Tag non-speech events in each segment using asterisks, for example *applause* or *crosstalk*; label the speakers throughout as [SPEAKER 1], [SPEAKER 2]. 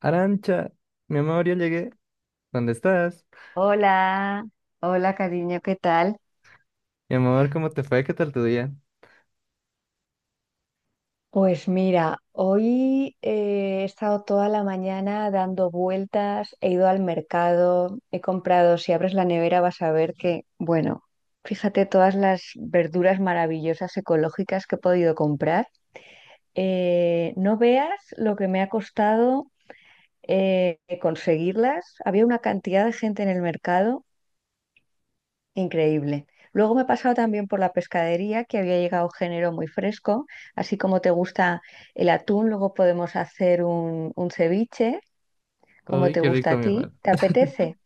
[SPEAKER 1] Arancha, mi amor, ya llegué. ¿Dónde estás?
[SPEAKER 2] Hola, hola cariño, ¿qué tal?
[SPEAKER 1] Mi amor, ¿cómo te fue? ¿Qué tal tu día?
[SPEAKER 2] Pues mira, hoy he estado toda la mañana dando vueltas, he ido al mercado, he comprado, si abres la nevera vas a ver que, bueno, fíjate todas las verduras maravillosas ecológicas que he podido comprar. No veas lo que me ha costado conseguirlas. Había una cantidad de gente en el mercado. Increíble. Luego me he pasado también por la pescadería, que había llegado género muy fresco. Así como te gusta el atún, luego podemos hacer un ceviche, como
[SPEAKER 1] Uy,
[SPEAKER 2] te
[SPEAKER 1] qué
[SPEAKER 2] gusta
[SPEAKER 1] rico,
[SPEAKER 2] a
[SPEAKER 1] mi
[SPEAKER 2] ti.
[SPEAKER 1] amor.
[SPEAKER 2] ¿Te apetece?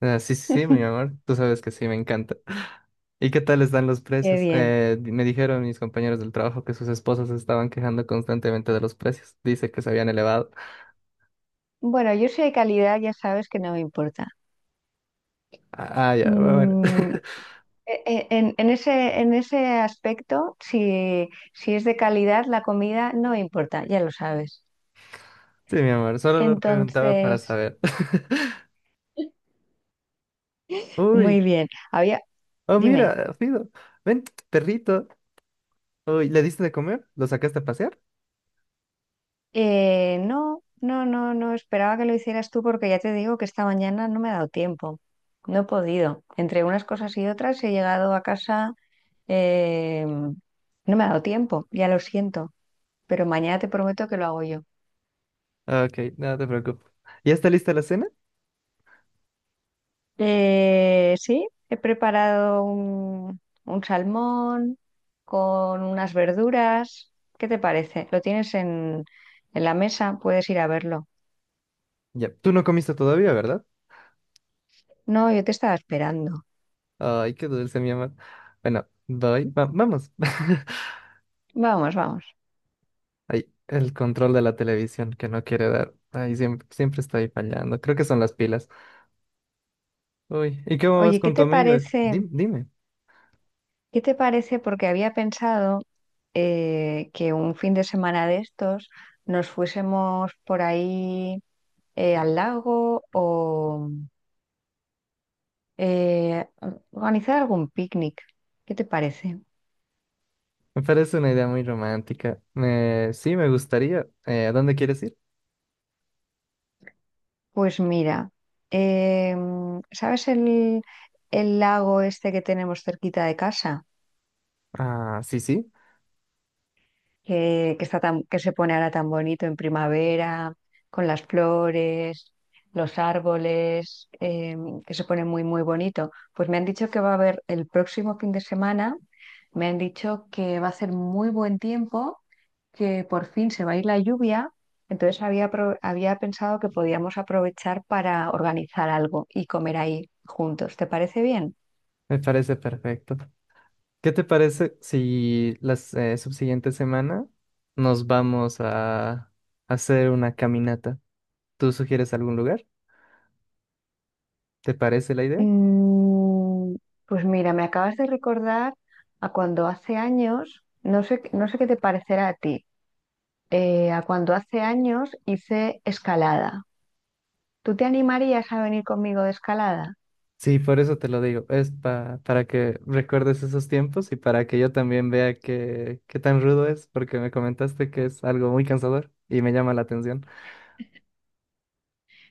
[SPEAKER 1] Ah, sí, sí, sí, mi amor. Tú sabes que sí, me encanta. *laughs* ¿Y qué tal están los
[SPEAKER 2] Qué
[SPEAKER 1] precios?
[SPEAKER 2] bien.
[SPEAKER 1] Me dijeron mis compañeros del trabajo que sus esposas se estaban quejando constantemente de los precios. Dice que se habían elevado.
[SPEAKER 2] Bueno, yo soy de calidad, ya sabes que no me importa.
[SPEAKER 1] Ah, ah, ya, bueno.
[SPEAKER 2] Mm,
[SPEAKER 1] *laughs*
[SPEAKER 2] en ese, en ese aspecto, si, si es de calidad, la comida no me importa, ya lo sabes.
[SPEAKER 1] Sí, mi amor, solo lo preguntaba para
[SPEAKER 2] Entonces,
[SPEAKER 1] saber. *laughs*
[SPEAKER 2] muy
[SPEAKER 1] Uy,
[SPEAKER 2] bien. Había,
[SPEAKER 1] oh,
[SPEAKER 2] dime.
[SPEAKER 1] mira, Fido, ven, perrito. Uy, ¿le diste de comer? ¿Lo sacaste a pasear?
[SPEAKER 2] No, no, no, no esperaba que lo hicieras tú porque ya te digo que esta mañana no me ha dado tiempo. No he podido. Entre unas cosas y otras he llegado a casa. eh, no me ha dado tiempo, ya lo siento, pero mañana te prometo que lo hago yo.
[SPEAKER 1] Ok, no te preocupes. ¿Ya está lista la cena?
[SPEAKER 2] Sí, he preparado un salmón con unas verduras. ¿Qué te parece? ¿Lo tienes en la mesa? Puedes ir a verlo.
[SPEAKER 1] Ya, tú no comiste todavía, ¿verdad?
[SPEAKER 2] No, yo te estaba esperando.
[SPEAKER 1] Ay, qué dulce, mi amor. Bueno, vamos. *laughs*
[SPEAKER 2] Vamos, vamos.
[SPEAKER 1] Ay, el control de la televisión que no quiere dar. Ay, siempre, siempre está ahí fallando. Creo que son las pilas. Uy, ¿y cómo vas
[SPEAKER 2] Oye, ¿qué
[SPEAKER 1] con tu
[SPEAKER 2] te
[SPEAKER 1] amiga?
[SPEAKER 2] parece?
[SPEAKER 1] Dime.
[SPEAKER 2] ¿Qué te parece? Porque había pensado que un fin de semana de estos nos fuésemos por ahí al lago o eh, organizar algún picnic. ¿Qué te parece?
[SPEAKER 1] Me parece una idea muy romántica. Sí, me gustaría. ¿A dónde quieres ir?
[SPEAKER 2] Pues mira, ¿sabes el lago este que tenemos cerquita de casa?
[SPEAKER 1] Ah, sí, sí.
[SPEAKER 2] Que está tan, que se pone ahora tan bonito en primavera, con las flores, los árboles, que se pone muy, muy bonito. Pues me han dicho que va a haber el próximo fin de semana, me han dicho que va a hacer muy buen tiempo, que por fin se va a ir la lluvia. Entonces había, había pensado que podíamos aprovechar para organizar algo y comer ahí juntos. ¿Te parece bien?
[SPEAKER 1] Me parece perfecto. ¿Qué te parece si la subsiguiente semana nos vamos a hacer una caminata? ¿Tú sugieres algún lugar? ¿Te parece la idea?
[SPEAKER 2] Mm, pues mira, me acabas de recordar a cuando hace años, no sé, no sé qué te parecerá a ti, a cuando hace años hice escalada. ¿Tú te animarías a venir conmigo de escalada?
[SPEAKER 1] Sí, por eso te lo digo. Es para que recuerdes esos tiempos y para que yo también vea qué, qué tan rudo es, porque me comentaste que es algo muy cansador y me llama la atención.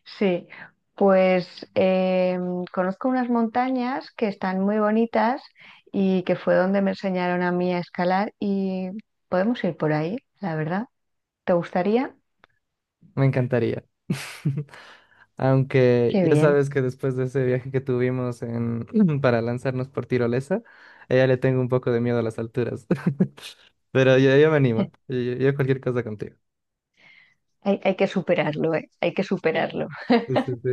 [SPEAKER 2] Sí, pues conozco unas montañas que están muy bonitas y que fue donde me enseñaron a mí a escalar y podemos ir por ahí, la verdad. ¿Te gustaría?
[SPEAKER 1] Me encantaría. *laughs* Aunque
[SPEAKER 2] Qué
[SPEAKER 1] ya
[SPEAKER 2] bien.
[SPEAKER 1] sabes que después de ese viaje que tuvimos en, *clears throat* para lanzarnos por tirolesa, a ella le tengo un poco de miedo a las alturas. *laughs* Pero yo me animo.
[SPEAKER 2] *laughs*
[SPEAKER 1] Yo cualquier cosa contigo.
[SPEAKER 2] Hay que superarlo, ¿eh? Hay que superarlo.
[SPEAKER 1] Sí, sí, sí.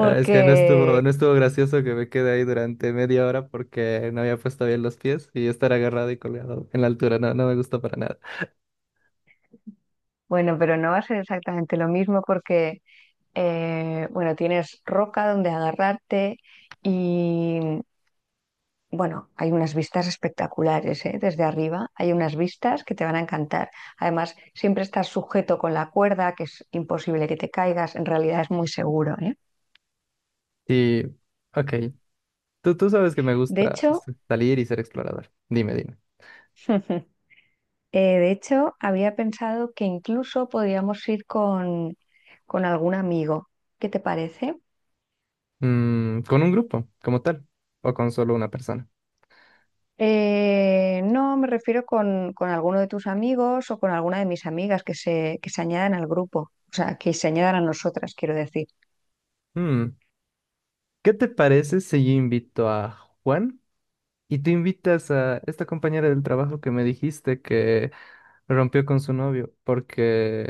[SPEAKER 1] Ah, es que no estuvo, no estuvo gracioso que me quedé ahí durante media hora porque no había puesto bien los pies y estar agarrado y colgado en la altura, no, no me gustó para nada.
[SPEAKER 2] bueno, pero no va a ser exactamente lo mismo porque, bueno, tienes roca donde agarrarte y, bueno, hay unas vistas espectaculares, ¿eh? Desde arriba hay unas vistas que te van a encantar. Además, siempre estás sujeto con la cuerda, que es imposible que te caigas, en realidad es muy seguro, ¿eh?
[SPEAKER 1] Y, ok, tú sabes que me
[SPEAKER 2] De
[SPEAKER 1] gusta
[SPEAKER 2] hecho,
[SPEAKER 1] salir y ser explorador. Dime, dime.
[SPEAKER 2] *laughs* eh, de hecho, había pensado que incluso podríamos ir con algún amigo. ¿Qué te parece?
[SPEAKER 1] Mm, ¿con un grupo como tal o con solo una persona?
[SPEAKER 2] No, me refiero con alguno de tus amigos o con alguna de mis amigas que se añadan al grupo, o sea, que se añadan a nosotras, quiero decir.
[SPEAKER 1] Mm, ¿qué te parece si yo invito a Juan y tú invitas a esta compañera del trabajo que me dijiste rompió con su novio porque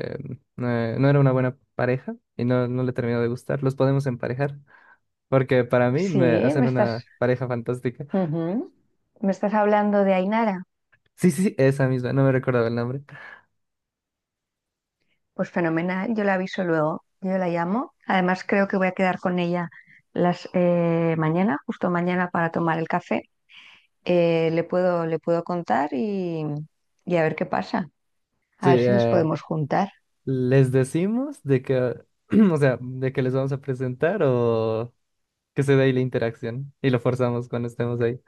[SPEAKER 1] no era una buena pareja y no, no le terminó de gustar. Los podemos emparejar porque para mí
[SPEAKER 2] Sí,
[SPEAKER 1] me hacen
[SPEAKER 2] me estás,
[SPEAKER 1] una pareja fantástica.
[SPEAKER 2] ujú. Me estás hablando de Ainara.
[SPEAKER 1] Sí, sí, sí, esa misma, no me recordaba el nombre.
[SPEAKER 2] Pues fenomenal, yo la aviso luego, yo la llamo. Además, creo que voy a quedar con ella las mañana, justo mañana para tomar el café. Le puedo, le puedo contar y a ver qué pasa,
[SPEAKER 1] Sí,
[SPEAKER 2] a ver si les podemos juntar.
[SPEAKER 1] les decimos de que, *clears throat* o sea, de que les vamos a presentar o que se dé ahí la interacción y lo forzamos cuando estemos ahí.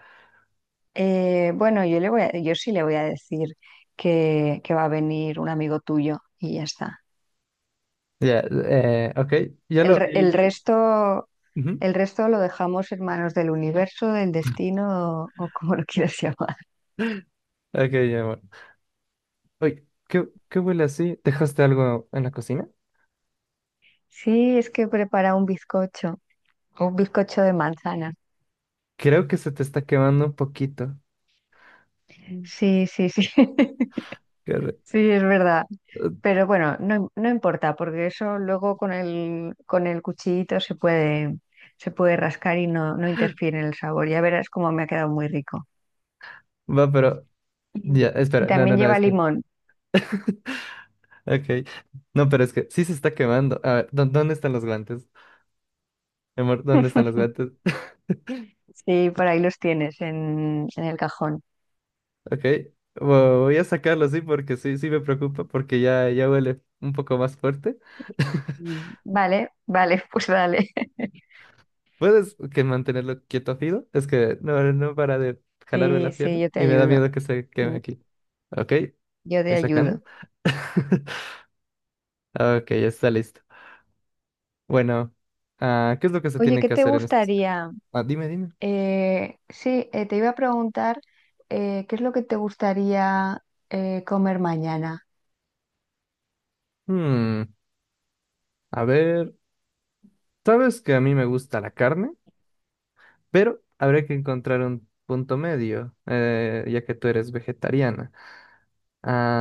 [SPEAKER 2] Bueno, yo sí le voy a decir que va a venir un amigo tuyo y ya está.
[SPEAKER 1] Ya, ok, ya lo... Sí,
[SPEAKER 2] El
[SPEAKER 1] yo-
[SPEAKER 2] resto,
[SPEAKER 1] Ujú.
[SPEAKER 2] el resto lo dejamos en manos del universo, del destino o como lo quieras *laughs* llamar.
[SPEAKER 1] Ok, ya, bueno. Oye, ¿qué huele así? ¿Dejaste algo en la cocina?
[SPEAKER 2] Sí, es que prepara un bizcocho de manzana.
[SPEAKER 1] Creo que se te está quemando un poquito. Mm.
[SPEAKER 2] Sí, sí, sí. *laughs*
[SPEAKER 1] Corre-
[SPEAKER 2] Sí, es verdad. Pero bueno, no, no importa, porque eso luego con el cuchillito se puede rascar y no, no interfiere en el sabor. Ya verás cómo me ha quedado muy rico.
[SPEAKER 1] Va, pero ya,
[SPEAKER 2] Y
[SPEAKER 1] espera, no, no,
[SPEAKER 2] también
[SPEAKER 1] no,
[SPEAKER 2] lleva
[SPEAKER 1] es que,
[SPEAKER 2] limón.
[SPEAKER 1] ok, no, pero es que sí se está quemando. A ver, ¿dó- ¿dónde están los guantes? Mi amor, ¿dónde están los guantes? *laughs*
[SPEAKER 2] Sí, por ahí los tienes en el cajón.
[SPEAKER 1] Ok, voy a sacarlos, sí, porque sí, sí me preocupa, porque ya, ya huele un poco más fuerte. *laughs*
[SPEAKER 2] Vale, vale, *laughs* pues dale.
[SPEAKER 1] ¿Puedes que mantenerlo quieto, Fido? Es que no, no para de jalarme
[SPEAKER 2] Sí,
[SPEAKER 1] la pierna
[SPEAKER 2] sí, yo te
[SPEAKER 1] y me da
[SPEAKER 2] ayudo.
[SPEAKER 1] miedo que se queme
[SPEAKER 2] Mm,
[SPEAKER 1] aquí. Ok,
[SPEAKER 2] Yo te
[SPEAKER 1] voy sacando.
[SPEAKER 2] ayudo.
[SPEAKER 1] *laughs* Ok, ya está listo. Bueno, ah, ¿qué es lo que se
[SPEAKER 2] Oye,
[SPEAKER 1] tiene
[SPEAKER 2] ¿qué
[SPEAKER 1] que
[SPEAKER 2] te
[SPEAKER 1] hacer en este?
[SPEAKER 2] gustaría?
[SPEAKER 1] Ah, dime, dime.
[SPEAKER 2] Sí, te iba a preguntar ¿qué es lo que te gustaría comer mañana?
[SPEAKER 1] Hmm, a ver, sabes que a mí me gusta la carne, pero habrá que encontrar un punto medio, ya que tú eres vegetariana.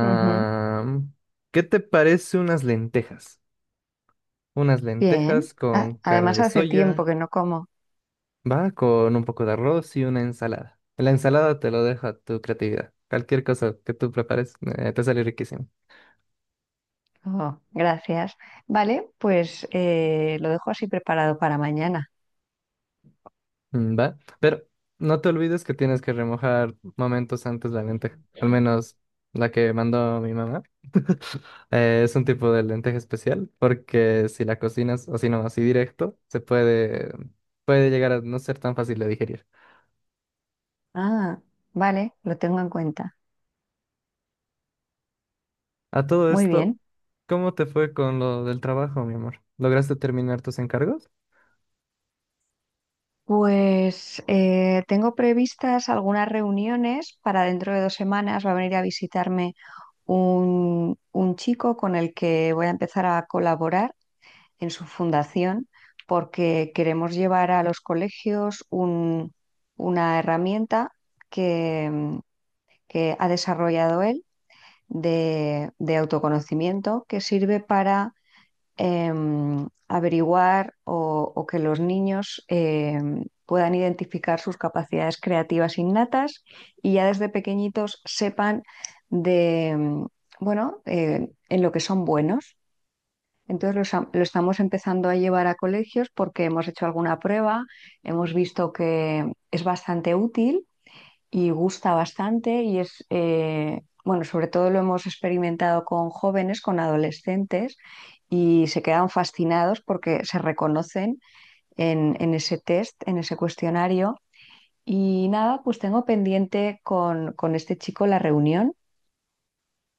[SPEAKER 2] Ujú.
[SPEAKER 1] ¿qué te parece unas lentejas? Unas
[SPEAKER 2] Bien.
[SPEAKER 1] lentejas con carne
[SPEAKER 2] Además,
[SPEAKER 1] de
[SPEAKER 2] hace tiempo
[SPEAKER 1] soya,
[SPEAKER 2] que no como.
[SPEAKER 1] va, con un poco de arroz y una ensalada. La ensalada te lo dejo a tu creatividad. Cualquier cosa que tú prepares, te sale riquísimo.
[SPEAKER 2] Oh, gracias. Vale, pues lo dejo así preparado para mañana.
[SPEAKER 1] Mm, ¿va? Pero no te olvides que tienes que remojar momentos antes la lenteja. Al menos la que mandó mi mamá. *laughs* Es un tipo de lenteja especial porque si la cocinas así no, así directo, se puede, puede llegar a no ser tan fácil de digerir.
[SPEAKER 2] Ah, vale, lo tengo en cuenta.
[SPEAKER 1] A todo
[SPEAKER 2] Muy
[SPEAKER 1] esto,
[SPEAKER 2] bien,
[SPEAKER 1] ¿cómo te fue con lo del trabajo, mi amor? ¿Lograste terminar tus encargos?
[SPEAKER 2] pues tengo previstas algunas reuniones para dentro de 2 semanas. Va a venir a visitarme un chico con el que voy a empezar a colaborar en su fundación porque queremos llevar a los colegios una herramienta que que ha desarrollado él de autoconocimiento que sirve averiguar o que los niños puedan identificar sus capacidades creativas innatas y ya desde pequeñitos sepan de, bueno, en lo que son buenos. Entonces estamos empezando a llevar a colegios porque hemos hecho alguna prueba, hemos visto que es bastante útil y gusta bastante y es, bueno, sobre todo lo hemos experimentado con jóvenes, con adolescentes y se quedan fascinados porque se reconocen en ese test, en ese cuestionario. Y nada, pues tengo pendiente con este chico la reunión.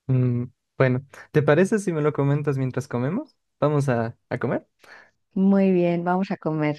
[SPEAKER 1] Mm, bueno, ¿te parece si me lo comentas mientras comemos? Vamos a comer.
[SPEAKER 2] Muy bien, vamos a comer.